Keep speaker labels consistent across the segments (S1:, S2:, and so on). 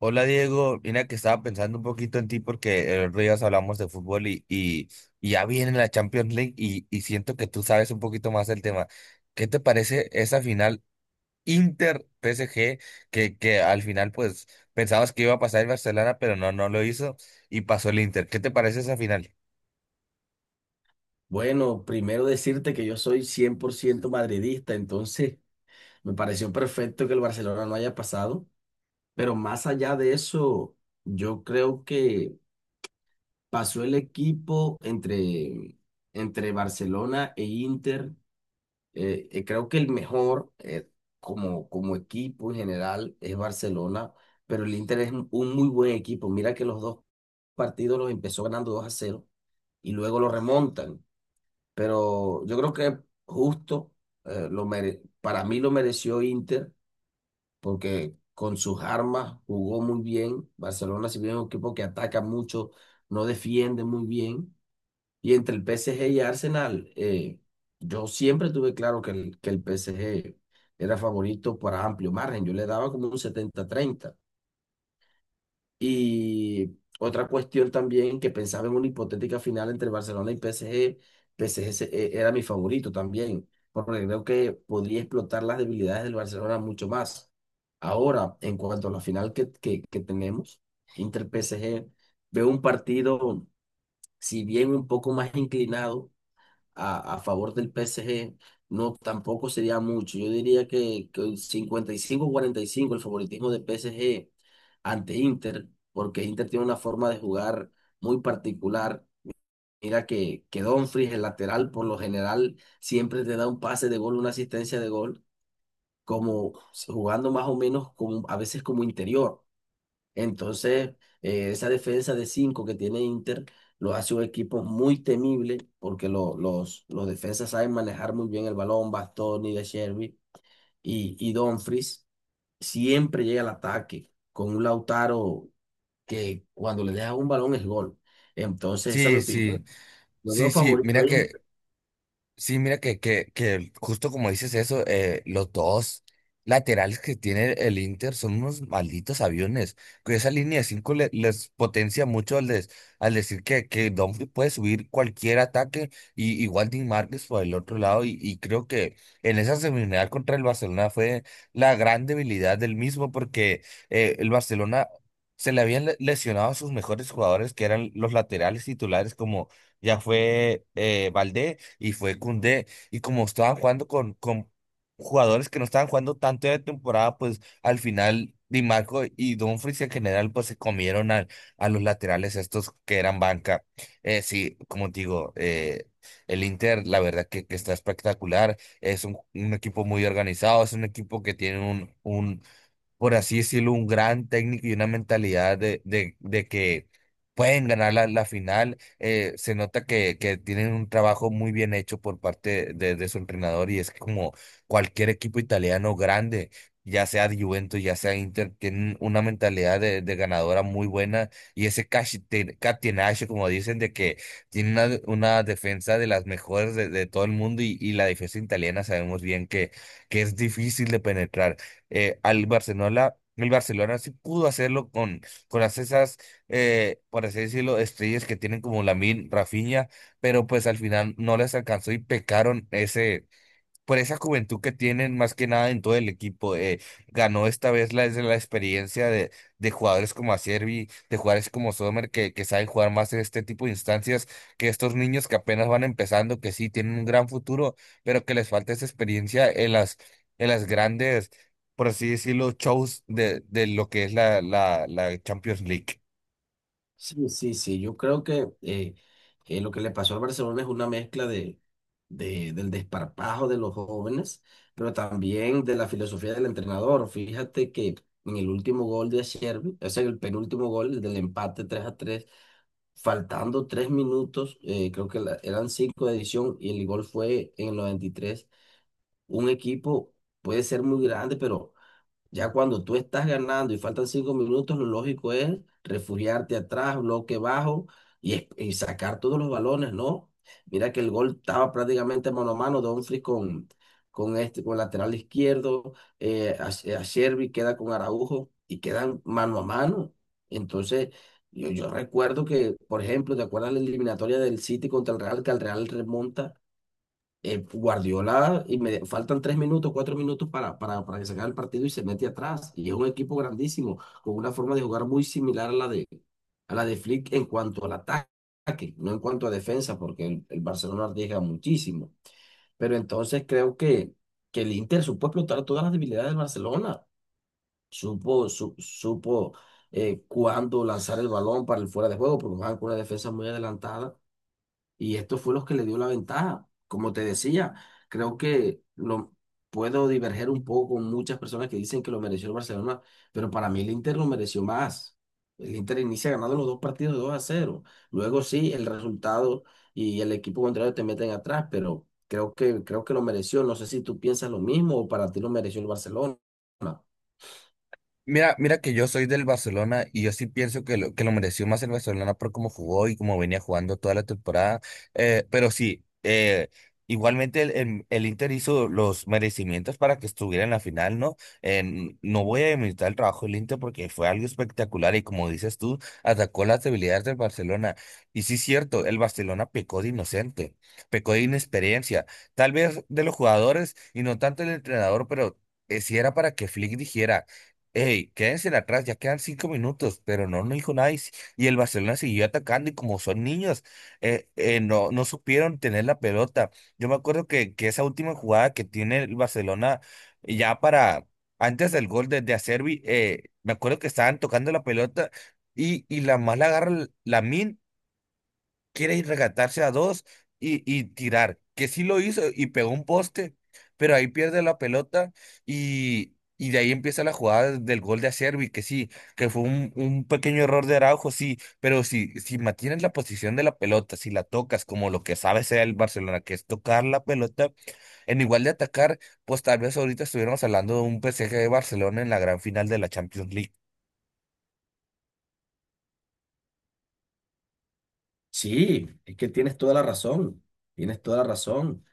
S1: Hola Diego, mira que estaba pensando un poquito en ti porque el otro día hablamos de fútbol y ya viene la Champions League y siento que tú sabes un poquito más del tema. ¿Qué te parece esa final Inter-PSG que al final pues pensabas que iba a pasar el Barcelona pero no lo hizo y pasó el Inter? ¿Qué te parece esa final?
S2: Bueno, primero decirte que yo soy 100% madridista, entonces me pareció perfecto que el Barcelona no haya pasado, pero más allá de eso, yo creo que pasó el equipo entre, entre Barcelona e Inter. Creo que el mejor como, como equipo en general es Barcelona, pero el Inter es un muy buen equipo. Mira que los dos partidos los empezó ganando 2-0 y luego lo remontan, pero yo creo que justo para mí lo mereció Inter porque con sus armas jugó muy bien. Barcelona, si bien es un equipo que ataca mucho, no defiende muy bien. Y entre el PSG y Arsenal, yo siempre tuve claro que el PSG era favorito por amplio margen. Yo le daba como un 70-30. Y otra cuestión también que pensaba en una hipotética final entre Barcelona y PSG, PSG era mi favorito también, porque creo que podría explotar las debilidades del Barcelona mucho más. Ahora, en cuanto a la final que tenemos, Inter-PSG, veo un partido, si bien un poco más inclinado, a favor del PSG, no, tampoco sería mucho. Yo diría que un 55-45 el favoritismo de PSG ante Inter, porque Inter tiene una forma de jugar muy particular. Mira que Dumfries, el lateral, por lo general, siempre te da un pase de gol, una asistencia de gol, como jugando más o menos como, a veces como interior. Entonces, esa defensa de cinco que tiene Inter lo hace un equipo muy temible porque los defensas saben manejar muy bien el balón, Bastoni, De Sherby y Dumfries. Siempre llega al ataque con un Lautaro que cuando le deja un balón es gol. Entonces, esa es mi
S1: Sí, sí,
S2: opinión. Yo veo
S1: sí, sí,
S2: favorito
S1: mira
S2: ahí.
S1: que sí, mira que justo como dices eso, los dos laterales que tiene el Inter son unos malditos aviones. Que esa línea de cinco les potencia mucho al decir que Dumfries puede subir cualquier ataque y igual Dean Márquez por el otro lado. Y creo que en esa semifinal contra el Barcelona fue la gran debilidad del mismo porque el Barcelona se le habían lesionado a sus mejores jugadores que eran los laterales titulares como ya fue Valdé y fue Koundé. Y como estaban jugando con jugadores que no estaban jugando tanto de temporada, pues al final Di Marco y Dumfries en general pues se comieron los laterales estos que eran banca. Sí, como te digo, el Inter la verdad que está espectacular. Es un equipo muy organizado, es un equipo que tiene un, por así decirlo, un gran técnico y una mentalidad de que pueden ganar la final. Se nota que tienen un trabajo muy bien hecho por parte de su entrenador y es como cualquier equipo italiano grande. Ya sea Juventus, ya sea Inter, tienen una mentalidad de ganadora muy buena y ese catenaccio, como dicen, de que tiene una defensa de las mejores de todo el mundo y la defensa italiana sabemos bien que es difícil de penetrar al Barcelona. El Barcelona sí pudo hacerlo con por así decirlo, estrellas que tienen como Lamine, Rafinha, pero pues al final no les alcanzó y pecaron ese por esa juventud que tienen más que nada en todo el equipo. Ganó esta vez es la experiencia de jugadores como Acerbi, de jugadores como Sommer, que saben jugar más en este tipo de instancias, que estos niños que apenas van empezando, que sí tienen un gran futuro, pero que les falta esa experiencia en las grandes, por así decirlo, shows de lo que es la Champions League.
S2: Sí, sí, sí. Yo creo que lo que le pasó al Barcelona es una mezcla del desparpajo de los jóvenes, pero también de la filosofía del entrenador. Fíjate que en el último gol de Xervi, o sea, en el penúltimo gol, el del empate 3-3 faltando tres minutos, creo que eran cinco de edición y el gol fue en el 93. Un equipo puede ser muy grande, pero ya cuando tú estás ganando y faltan cinco minutos, lo lógico es refugiarte atrás, bloque bajo y, y sacar todos los balones, ¿no? Mira que el gol estaba prácticamente mano a mano, Dumfries con este, con el lateral izquierdo, a Sherby queda con Araujo y quedan mano a mano. Entonces, yo recuerdo que, por ejemplo, ¿te acuerdas la eliminatoria del City contra el Real, que el Real remonta? Guardiola, y me faltan tres minutos, cuatro minutos para que se acabe el partido y se mete atrás. Y es un equipo grandísimo, con una forma de jugar muy similar a la de Flick en cuanto al ataque, no en cuanto a defensa, porque el Barcelona arriesga muchísimo. Pero entonces creo que el Inter supo explotar todas las debilidades del Barcelona, supo cuándo lanzar el balón para el fuera de juego, porque jugaban con una defensa muy adelantada y esto fue lo que le dio la ventaja. Como te decía, creo que lo puedo diverger un poco con muchas personas que dicen que lo mereció el Barcelona, pero para mí el Inter lo mereció más. El Inter inicia ganando los dos partidos 2-0. Luego sí, el resultado y el equipo contrario te meten atrás, pero creo que lo mereció. No sé si tú piensas lo mismo o para ti lo mereció el Barcelona.
S1: Mira, mira que yo soy del Barcelona y yo sí pienso que lo mereció más el Barcelona por cómo jugó y cómo venía jugando toda la temporada. Pero sí, igualmente el Inter hizo los merecimientos para que estuviera en la final, ¿no? No voy a demeritar el trabajo del Inter porque fue algo espectacular y como dices tú, atacó las debilidades del Barcelona. Y sí es cierto, el Barcelona pecó de inocente, pecó de inexperiencia, tal vez de los jugadores y no tanto el entrenador, pero si era para que Flick dijera: "Ey, quédense atrás, ya quedan cinco minutos", pero no dijo nada. Y, si- Y el Barcelona siguió atacando y como son niños, no supieron tener la pelota. Yo me acuerdo que esa última jugada que tiene el Barcelona ya para, antes del gol de Acerbi, me acuerdo que estaban tocando la pelota y la agarra, la quiere ir regatarse a dos y tirar, que sí lo hizo y pegó un poste, pero ahí pierde la pelota y de ahí empieza la jugada del gol de Acerbi, que sí, que fue un pequeño error de Araujo, sí, pero si, si mantienes la posición de la pelota, si la tocas como lo que sabe sea el Barcelona, que es tocar la pelota, en igual de atacar, pues tal vez ahorita estuviéramos hablando de un PSG de Barcelona en la gran final de la Champions League.
S2: Sí, es que tienes toda la razón, tienes toda la razón.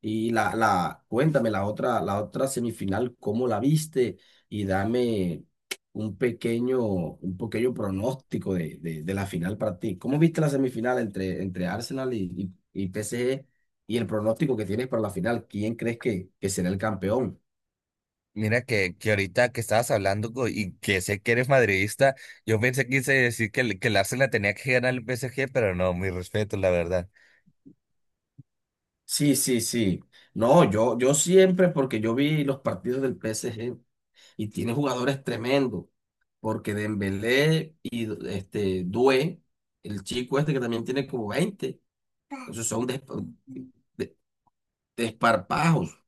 S2: Y cuéntame la otra semifinal, ¿cómo la viste? Y dame un pequeño pronóstico de la final para ti. ¿Cómo viste la semifinal entre, entre Arsenal y PSG? Y el pronóstico que tienes para la final, ¿quién crees que será el campeón?
S1: Mira que ahorita que estabas y que sé que eres madridista, yo pensé que quise decir que el Arsenal tenía que ganar el PSG, pero no, mi respeto, la verdad.
S2: Sí, sí, sí. No, yo siempre, porque yo vi los partidos del PSG. Y tiene jugadores tremendos, porque Dembélé y este Doué, el chico este que también tiene como veinte, esos son despa- de- desparpajos.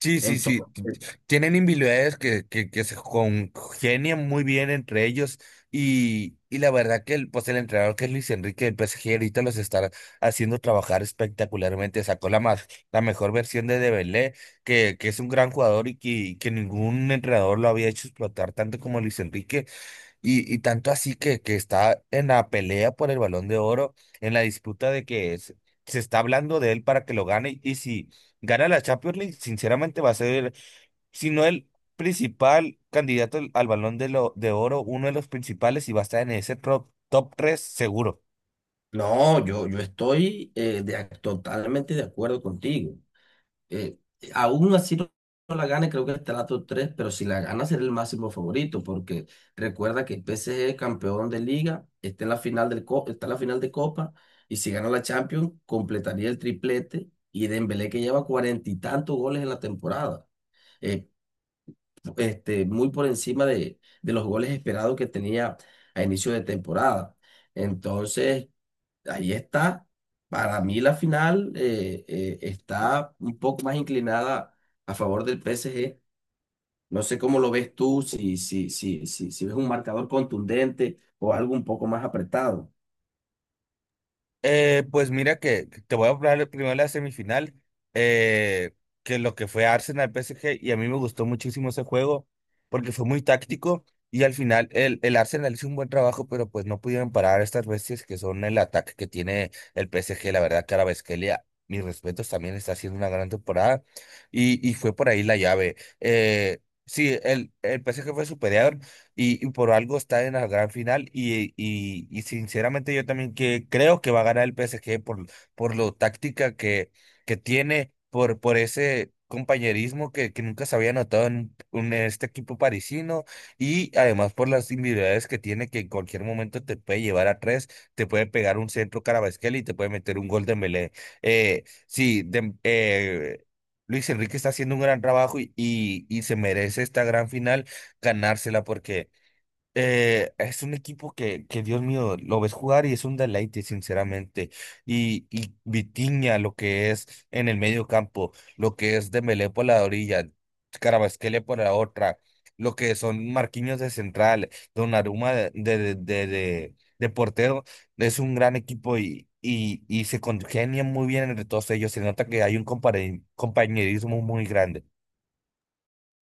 S1: Sí, sí, sí.
S2: Entonces,
S1: Tienen individualidades que se congenian muy bien entre ellos. Y la verdad que el, pues el entrenador que es Luis Enrique del PSG ahorita los está haciendo trabajar espectacularmente. Sacó la mejor versión de Dembélé, que es un gran jugador y que ningún entrenador lo había hecho explotar tanto como Luis Enrique. Y tanto así que está en la pelea por el Balón de Oro, en la disputa de se está hablando de él para que lo gane. Y si gana la Champions League, sinceramente va a ser, si no el principal candidato al Balón de Oro, uno de los principales y va a estar en ese top 3 seguro.
S2: no, yo estoy totalmente de acuerdo contigo. eh, Aún así no, no la gane, creo que estará top tres, pero si la gana será el máximo favorito, porque recuerda que el PSG es campeón de liga, está en la final está en la final de Copa, y si gana la Champions, completaría el triplete, y Dembélé que lleva cuarenta y tantos goles en la temporada, eh, muy por encima de los goles esperados que tenía a inicio de temporada. Entonces, ahí está. Para mí la final está un poco más inclinada a favor del PSG. No sé cómo lo ves tú, si, si, si, si ves un marcador contundente o algo un poco más apretado.
S1: Pues mira que te voy a hablar primero de la semifinal, eh, que lo que fue Arsenal PSG, y a mí me gustó muchísimo ese juego porque fue muy táctico y al final el Arsenal hizo un buen trabajo, pero pues no pudieron parar a estas bestias que son el ataque que tiene el PSG, la verdad, Kvaratskhelia, mis respetos, también está haciendo una gran temporada y fue por ahí la llave. Sí, el PSG fue superior, y por algo está en la gran final y sinceramente yo también que creo que va a ganar el PSG por lo táctica que tiene, por ese compañerismo que nunca se había notado en este equipo parisino y además por las individualidades que tiene que en cualquier momento te puede llevar a tres, te puede pegar un centro Carabasquel y te puede meter un gol de Melé. Eh, sí, de- eh, Luis Enrique está haciendo un gran trabajo y y se merece esta gran final ganársela porque es un equipo que, Dios mío, lo ves jugar y es un deleite, sinceramente. Y Vitinha, lo que es en el medio campo, lo que es Dembélé por la orilla, Carabasquele por la otra, lo que son Marquinhos de central, Donnarumma de portero, es un gran equipo y se congenian muy bien entre todos ellos. Se nota que hay un compañerismo muy grande.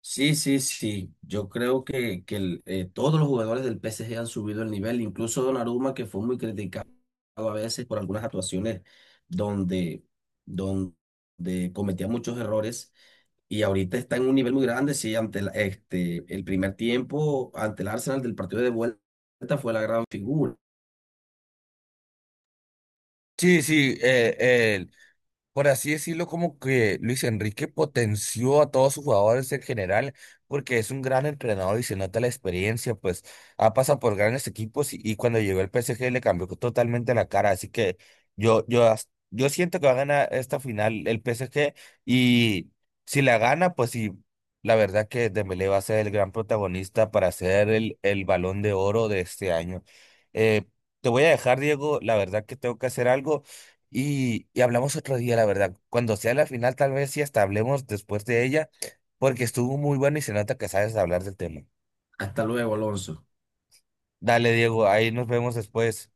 S2: Sí, sí, sí. Yo creo que el, todos los jugadores del PSG han subido el nivel, incluso Donnarumma, que fue muy criticado a veces por algunas actuaciones donde, donde cometía muchos errores. Y ahorita está en un nivel muy grande, sí, ante este, el primer tiempo, ante el Arsenal del partido de vuelta fue la gran figura.
S1: Sí, sí, por así decirlo, como que Luis Enrique potenció a todos sus jugadores en general, porque es un gran entrenador y se nota la experiencia, pues ha pasado por grandes equipos y cuando llegó el PSG le cambió totalmente la cara, así que yo siento que va a ganar esta final el PSG y si la gana, pues sí, la verdad que Dembélé va a ser el gran protagonista para ser el Balón de Oro de este año. Eh, Te voy a dejar, Diego, la verdad que tengo que hacer algo. Y hablamos otro día, la verdad. Cuando sea la final, tal vez sí hasta hablemos después de ella, porque estuvo muy bueno y se nota que sabes hablar del tema.
S2: Hasta luego, Alonso.
S1: Dale, Diego, ahí nos vemos después.